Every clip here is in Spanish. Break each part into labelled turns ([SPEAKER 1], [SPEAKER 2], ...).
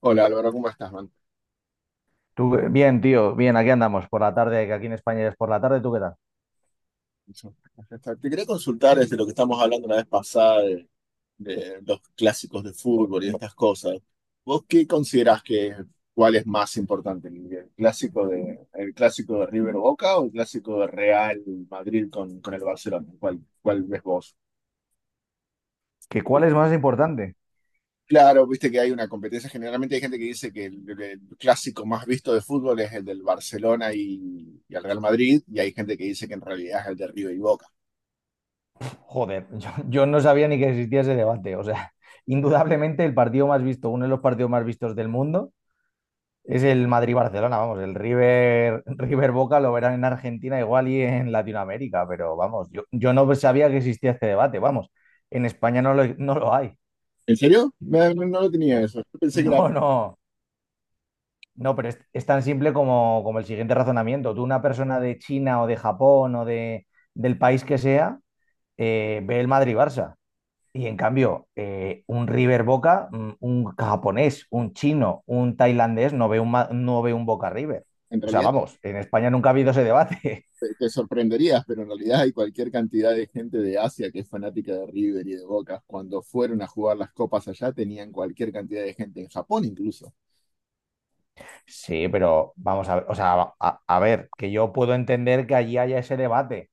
[SPEAKER 1] Hola Álvaro, ¿cómo estás, man?
[SPEAKER 2] Tú, bien, tío, bien, aquí andamos por la tarde, que aquí en España es por la tarde, ¿tú qué tal?
[SPEAKER 1] Te quería consultar desde lo que estamos hablando la vez pasada de los clásicos de fútbol y estas cosas. ¿Vos qué considerás que cuál es más importante, el clásico de River Boca o el clásico de Real Madrid con el Barcelona? ¿ cuál ves vos?
[SPEAKER 2] ¿Que cuál es más importante?
[SPEAKER 1] Claro, viste que hay una competencia. Generalmente hay gente que dice que el clásico más visto de fútbol es el del Barcelona y el Real Madrid, y hay gente que dice que en realidad es el de River y Boca.
[SPEAKER 2] Joder, yo no sabía ni que existía ese debate. O sea, indudablemente el partido más visto, uno de los partidos más vistos del mundo, es el Madrid-Barcelona, vamos, el River, River Boca lo verán en Argentina igual y en Latinoamérica, pero vamos, yo no sabía que existía este debate, vamos, en España no lo hay.
[SPEAKER 1] ¿En serio? No lo tenía eso. Yo pensé que era,
[SPEAKER 2] No, no. No, pero es tan simple como, como el siguiente razonamiento. Tú, una persona de China o de Japón o de, del país que sea, ve el Madrid-Barça. Y en cambio, un River Boca, un japonés, un chino, un tailandés, no ve un, no ve un Boca River.
[SPEAKER 1] en
[SPEAKER 2] O sea,
[SPEAKER 1] realidad
[SPEAKER 2] vamos, en España nunca ha habido ese debate.
[SPEAKER 1] te sorprenderías, pero en realidad hay cualquier cantidad de gente de Asia que es fanática de River y de Boca. Cuando fueron a jugar las copas allá, tenían cualquier cantidad de gente, en Japón incluso.
[SPEAKER 2] Sí, pero vamos a ver, o sea, a ver, que yo puedo entender que allí haya ese debate,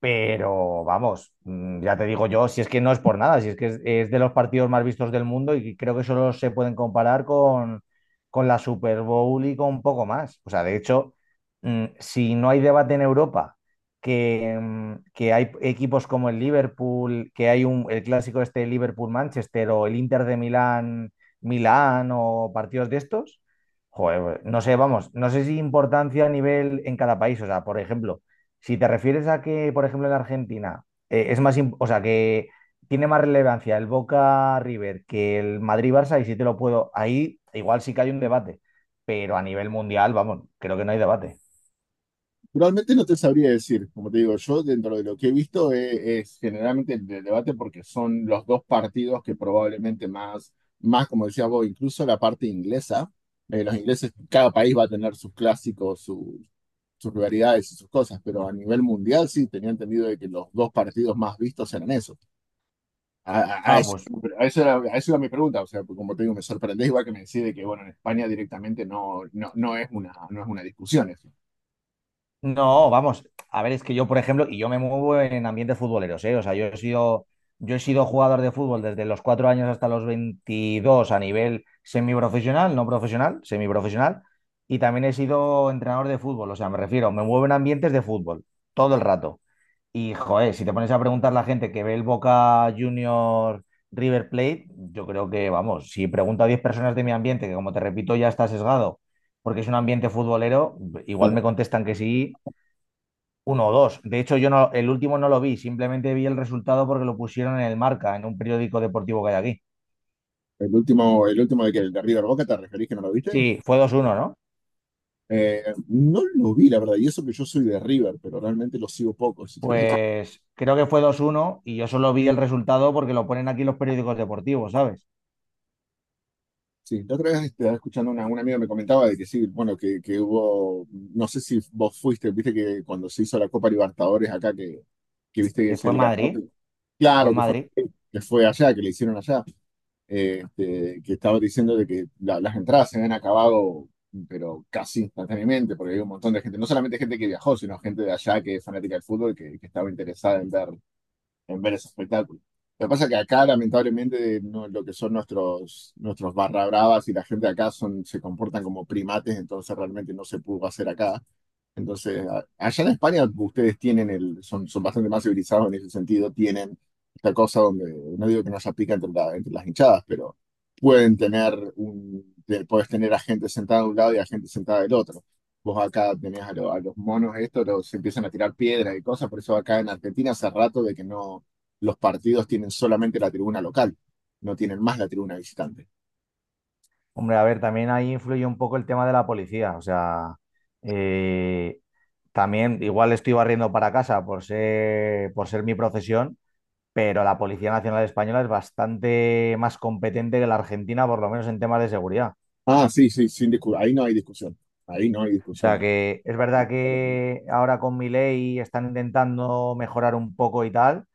[SPEAKER 2] pero vamos, ya te digo yo, si es que no es por nada, si es que es de los partidos más vistos del mundo y creo que solo se pueden comparar con la Super Bowl y con poco más. O sea, de hecho, si no hay debate en Europa, que, que hay equipos como el Liverpool, que hay un, el clásico este Liverpool-Manchester o el Inter de Milán-Milán o partidos de estos, joder, no sé, vamos, no sé si importancia a nivel en cada país. O sea, por ejemplo. Si te refieres a que, por ejemplo, en Argentina es más, o sea, que tiene más relevancia el Boca River que el Madrid Barça, y si te lo puedo, ahí igual sí que hay un debate, pero a nivel mundial, vamos, creo que no hay debate.
[SPEAKER 1] Realmente no te sabría decir, como te digo, yo dentro de lo que he visto es, generalmente el debate porque son los dos partidos que probablemente más, más, como decías vos, incluso la parte inglesa. Los ingleses, cada país va a tener sus clásicos, sus rivalidades y sus cosas, pero a nivel mundial sí tenía entendido de que los dos partidos más vistos eran esos. A
[SPEAKER 2] Ah,
[SPEAKER 1] eso,
[SPEAKER 2] pues
[SPEAKER 1] a eso era mi pregunta, o sea, porque como te digo, me sorprendés igual que me decís de que, bueno, en España directamente no, no es una, no es una discusión eso.
[SPEAKER 2] no, vamos, a ver, es que yo, por ejemplo, y yo me muevo en ambientes futboleros, ¿eh? O sea, yo he sido jugador de fútbol desde los 4 años hasta los 22 a nivel semiprofesional, no profesional, semiprofesional, y también he sido entrenador de fútbol, o sea, me refiero, me muevo en ambientes de fútbol todo el rato. Y joder, si te pones a preguntar a la gente que ve el Boca Junior River Plate, yo creo que, vamos, si pregunto a 10 personas de mi ambiente, que como te repito ya está sesgado, porque es un ambiente futbolero, igual
[SPEAKER 1] Claro,
[SPEAKER 2] me contestan que sí uno o dos. De hecho, yo no, el último no lo vi, simplemente vi el resultado porque lo pusieron en el Marca, en un periódico deportivo que hay aquí.
[SPEAKER 1] el último de que el de River Boca, ¿te referís que no lo viste?
[SPEAKER 2] Sí, fue 2-1, ¿no?
[SPEAKER 1] No lo vi, la verdad, y eso que yo soy de River, pero realmente lo sigo poco.
[SPEAKER 2] Pues creo que fue 2-1 y yo solo vi el resultado porque lo ponen aquí los periódicos deportivos, ¿sabes?
[SPEAKER 1] Sí, la otra vez estaba escuchando un amigo me comentaba de que sí, bueno, que hubo, no sé si vos fuiste, viste que cuando se hizo la Copa Libertadores acá, que viste que es
[SPEAKER 2] Fue
[SPEAKER 1] el ganador,
[SPEAKER 2] Madrid, fue
[SPEAKER 1] claro,
[SPEAKER 2] Madrid.
[SPEAKER 1] que fue allá, que le hicieron allá, que estaba diciendo de que las entradas se habían acabado, pero casi instantáneamente, porque hay un montón de gente, no solamente gente que viajó, sino gente de allá que es fanática del fútbol, que estaba interesada en ver ese espectáculo. Lo que pasa es que acá, lamentablemente, lo que son nuestros barra bravas y la gente de acá son, se comportan como primates, entonces realmente no se pudo hacer acá. Entonces, allá en España ustedes tienen el, son, son bastante más civilizados en ese sentido, tienen esta cosa donde, no digo que no se pica entre, entre las hinchadas, pero pueden tener un, puedes tener a gente sentada de un lado y a gente sentada del otro. Vos acá tenés a, a los monos estos, los se empiezan a tirar piedras y cosas, por eso acá en Argentina hace rato de que no, los partidos tienen solamente la tribuna local, no tienen más la tribuna visitante.
[SPEAKER 2] Hombre, a ver, también ahí influye un poco el tema de la policía, o sea, eh, también igual estoy barriendo para casa por ser mi profesión, pero la Policía Nacional Española es bastante más competente que la Argentina, por lo menos en temas de seguridad.
[SPEAKER 1] Ah, sí, sí, sin discu- ahí no hay discusión, ahí no hay
[SPEAKER 2] O sea
[SPEAKER 1] discusión.
[SPEAKER 2] que es verdad que ahora con Milei están intentando mejorar un poco y tal,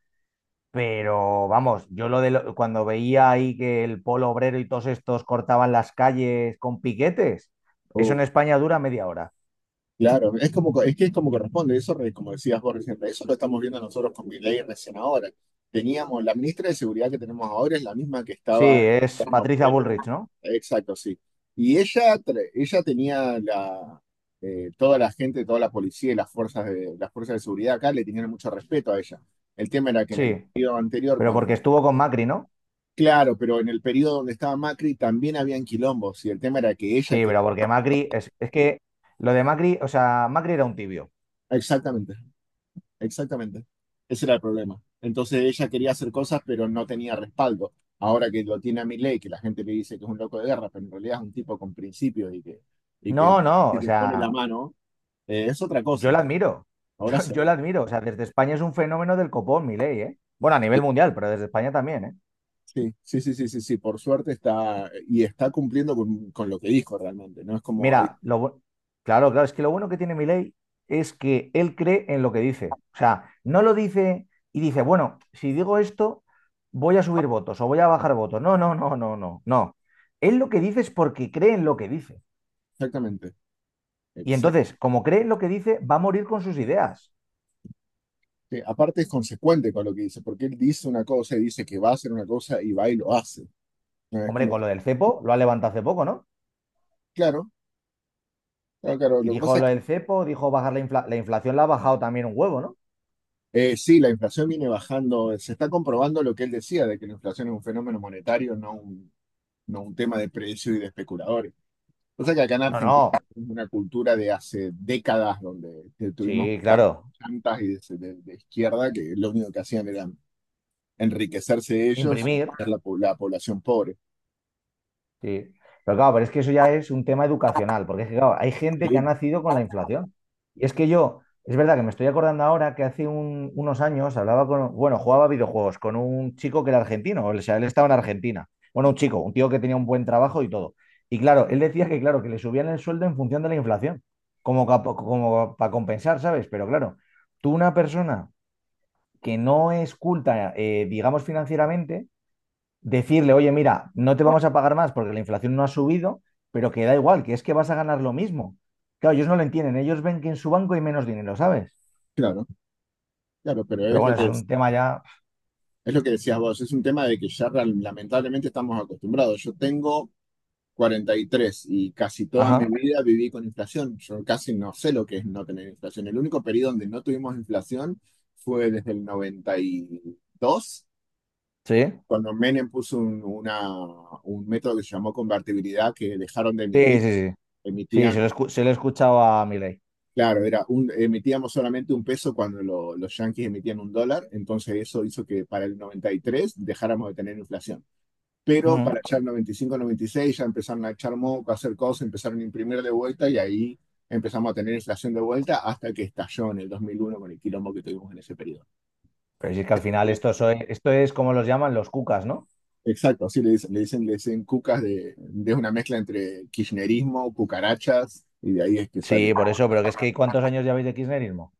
[SPEAKER 2] pero vamos, yo lo de cuando veía ahí que el polo obrero y todos estos cortaban las calles con piquetes, eso en España dura media hora.
[SPEAKER 1] Claro, es como, es que es como corresponde, eso, como decías vos recién, eso lo estamos viendo nosotros con Milei recién ahora. Teníamos, la ministra de Seguridad que tenemos ahora es la misma que
[SPEAKER 2] Sí,
[SPEAKER 1] estaba,
[SPEAKER 2] es
[SPEAKER 1] bueno,
[SPEAKER 2] Patricia
[SPEAKER 1] pre-
[SPEAKER 2] Bullrich, ¿no?
[SPEAKER 1] exacto, sí. Y ella, ella tenía la, toda la gente, toda la policía y las fuerzas de seguridad acá le tenían mucho respeto a ella. El tema era que en el
[SPEAKER 2] Sí,
[SPEAKER 1] periodo anterior,
[SPEAKER 2] pero
[SPEAKER 1] cuando,
[SPEAKER 2] porque estuvo con Macri, ¿no?
[SPEAKER 1] claro, pero en el periodo donde estaba Macri también habían quilombos y el tema era que ella,
[SPEAKER 2] Sí,
[SPEAKER 1] que,
[SPEAKER 2] pero porque Macri, es que lo de Macri, o sea, Macri era un tibio.
[SPEAKER 1] exactamente. Exactamente. Ese era el problema. Entonces ella quería hacer cosas, pero no tenía respaldo. Ahora que lo tiene a Milei, que la gente le dice que es un loco de guerra, pero en realidad es un tipo con principios y
[SPEAKER 2] No,
[SPEAKER 1] que,
[SPEAKER 2] no,
[SPEAKER 1] y
[SPEAKER 2] o
[SPEAKER 1] que pone la
[SPEAKER 2] sea,
[SPEAKER 1] mano, es otra
[SPEAKER 2] yo
[SPEAKER 1] cosa.
[SPEAKER 2] la admiro.
[SPEAKER 1] Ahora
[SPEAKER 2] Yo,
[SPEAKER 1] se
[SPEAKER 2] yo la
[SPEAKER 1] ve.
[SPEAKER 2] admiro. O sea, desde España es un fenómeno del copón, Milei, ¿eh? Bueno, a nivel mundial, pero desde España también, ¿eh?
[SPEAKER 1] Sí, sí, sí, sí, sí, sí. Por suerte está, y está cumpliendo con lo que dijo realmente. No es como, ay,
[SPEAKER 2] Mira, lo, claro, claro, es que lo bueno que tiene Milei es que él cree en lo que dice. O sea, no lo dice y dice, bueno, si digo esto, voy a subir votos o voy a bajar votos. No, no, no, no, no, no. Él lo que dice es porque cree en lo que dice.
[SPEAKER 1] exactamente,
[SPEAKER 2] Y
[SPEAKER 1] exact-
[SPEAKER 2] entonces, como cree en lo que dice, va a morir con sus ideas.
[SPEAKER 1] sí. Aparte es consecuente con lo que dice, porque él dice una cosa y dice que va a hacer una cosa y va y lo hace. No es
[SPEAKER 2] Hombre,
[SPEAKER 1] como,
[SPEAKER 2] con lo del cepo, lo ha levantado hace poco, ¿no?
[SPEAKER 1] claro, claro, claro.
[SPEAKER 2] Y
[SPEAKER 1] Lo que
[SPEAKER 2] dijo
[SPEAKER 1] pasa
[SPEAKER 2] lo del cepo, dijo bajar la, inflación la inflación, la ha bajado también un huevo, ¿no?
[SPEAKER 1] eh, sí, la inflación viene bajando. Se está comprobando lo que él decía, de que la inflación es un fenómeno monetario, no un tema de precio y de especuladores. O sea que acá en
[SPEAKER 2] No,
[SPEAKER 1] Argentina
[SPEAKER 2] no.
[SPEAKER 1] tenemos una cultura de hace décadas donde que tuvimos
[SPEAKER 2] Sí, claro.
[SPEAKER 1] plantas y de izquierda que lo único que hacían era enriquecerse ellos y
[SPEAKER 2] Imprimir.
[SPEAKER 1] hacer la población pobre.
[SPEAKER 2] Sí. Pero claro, pero es que eso ya es un tema educacional, porque es que, claro, hay gente que ha
[SPEAKER 1] Sí,
[SPEAKER 2] nacido con la inflación. Y es que yo, es verdad que me estoy acordando ahora que hace unos años hablaba con, bueno, jugaba videojuegos con un chico que era argentino, o sea, él estaba en Argentina. Bueno, un chico, un tío que tenía un buen trabajo y todo. Y claro, él decía que, claro, que le subían el sueldo en función de la inflación, como, como para compensar, ¿sabes? Pero claro, tú una persona que no es culta, digamos, financieramente, decirle, oye, mira, no te vamos a pagar más porque la inflación no ha subido, pero que da igual, que es que vas a ganar lo mismo. Claro, ellos no lo entienden, ellos ven que en su banco hay menos dinero, ¿sabes?
[SPEAKER 1] claro, claro,
[SPEAKER 2] Pero bueno, eso es un tema ya.
[SPEAKER 1] es lo que decías vos. Es un tema de que ya lamentablemente estamos acostumbrados. Yo tengo 43 y tres, y casi toda mi
[SPEAKER 2] Ajá,
[SPEAKER 1] vida viví con inflación. Yo casi no sé lo que es no tener inflación. El único periodo donde no tuvimos inflación fue desde el 92,
[SPEAKER 2] sí,
[SPEAKER 1] cuando Menem puso un método que se llamó convertibilidad, que dejaron de
[SPEAKER 2] sí,
[SPEAKER 1] emitir,
[SPEAKER 2] sí, sí. Sí, se lo,
[SPEAKER 1] emitían,
[SPEAKER 2] se lo he escuchado a Milei.
[SPEAKER 1] claro, era un, emitíamos solamente un peso cuando los yanquis emitían un dólar, entonces eso hizo que para el 93 dejáramos de tener inflación. Pero para
[SPEAKER 2] Ujú.
[SPEAKER 1] allá el 95-96 ya empezaron a echar moco, a hacer cosas, empezaron a imprimir de vuelta y ahí empezamos a tener inflación de vuelta hasta que estalló en el 2001 con el quilombo que tuvimos en ese periodo.
[SPEAKER 2] Pero si es que al final
[SPEAKER 1] Sí.
[SPEAKER 2] esto, esto es como los llaman los cucas, ¿no?
[SPEAKER 1] Exacto, así le dicen, le dicen cucas de una mezcla entre kirchnerismo, cucarachas, y de ahí es que sale.
[SPEAKER 2] Sí, por eso, pero que es que ¿cuántos años lleváis de kirchnerismo?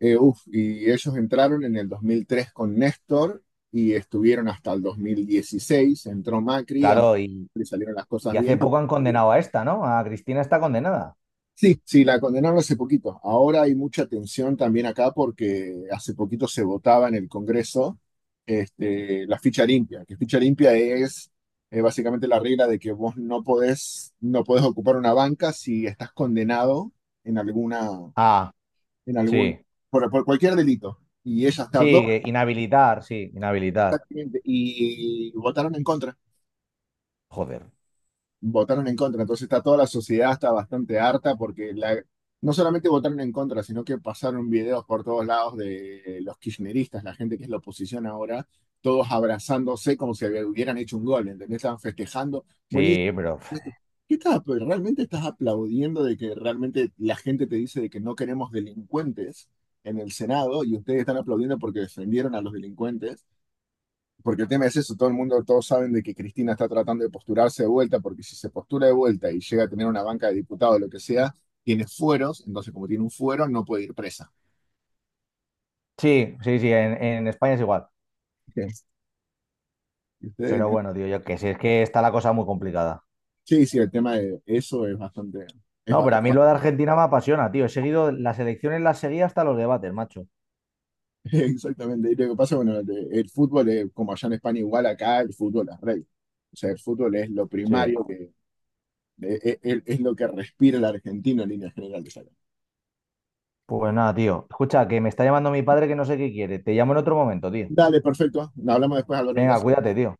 [SPEAKER 1] Uf, y ellos entraron en el 2003 con Néstor y estuvieron hasta el 2016, entró Macri, a
[SPEAKER 2] Claro, y,
[SPEAKER 1] Macri salieron las cosas
[SPEAKER 2] y hace
[SPEAKER 1] bien
[SPEAKER 2] poco han
[SPEAKER 1] y
[SPEAKER 2] condenado a esta, ¿no? A Cristina está condenada.
[SPEAKER 1] sí, sí, la condenaron hace poquito. Ahora hay mucha tensión también acá porque hace poquito se votaba en el Congreso la ficha limpia, que ficha limpia es básicamente la regla de que vos no podés, no podés ocupar una banca si estás condenado en alguna,
[SPEAKER 2] Ah,
[SPEAKER 1] en algún,
[SPEAKER 2] sí.
[SPEAKER 1] por cualquier delito. Y ella
[SPEAKER 2] Sí,
[SPEAKER 1] está dos
[SPEAKER 2] inhabilitar, sí, inhabilitar.
[SPEAKER 1] y votaron en contra.
[SPEAKER 2] Joder.
[SPEAKER 1] Votaron en contra. Entonces está toda la sociedad está bastante harta porque la, no solamente votaron en contra, sino que pasaron videos por todos lados de los kirchneristas, la gente que es la oposición ahora, todos abrazándose como si hubieran hecho un gol, ¿entendés? Estaban festejando. Buenísimo.
[SPEAKER 2] Sí, pero.
[SPEAKER 1] ¿Qué estás, realmente estás aplaudiendo de que realmente la gente te dice de que no queremos delincuentes en el Senado y ustedes están aplaudiendo porque defendieron a los delincuentes? Porque el tema es eso, todo el mundo, todos saben de que Cristina está tratando de posturarse de vuelta, porque si se postura de vuelta y llega a tener una banca de diputados o lo que sea, tiene fueros, entonces como tiene un fuero, no puede ir presa.
[SPEAKER 2] Sí, sí, sí, en España es igual.
[SPEAKER 1] Ustedes-
[SPEAKER 2] Pero bueno, tío, yo que sé, es que está la cosa muy complicada.
[SPEAKER 1] sí, sí, el tema de eso es bastante, es,
[SPEAKER 2] No,
[SPEAKER 1] ba-
[SPEAKER 2] pero
[SPEAKER 1] es
[SPEAKER 2] a mí
[SPEAKER 1] ba-
[SPEAKER 2] lo de Argentina me apasiona, tío. He seguido las elecciones, las seguí hasta los debates, macho.
[SPEAKER 1] exactamente. Y lo que pasa, bueno, el fútbol, es, como allá en España igual, acá el fútbol es rey. O sea, el fútbol es lo
[SPEAKER 2] Sí.
[SPEAKER 1] primario, que, es, es lo que respira el argentino en líneas generales acá.
[SPEAKER 2] Pues nada, tío. Escucha, que me está llamando mi padre que no sé qué quiere. Te llamo en otro momento, tío.
[SPEAKER 1] Dale, perfecto. Hablamos después, Álvaro,
[SPEAKER 2] Venga,
[SPEAKER 1] gracias.
[SPEAKER 2] cuídate, tío.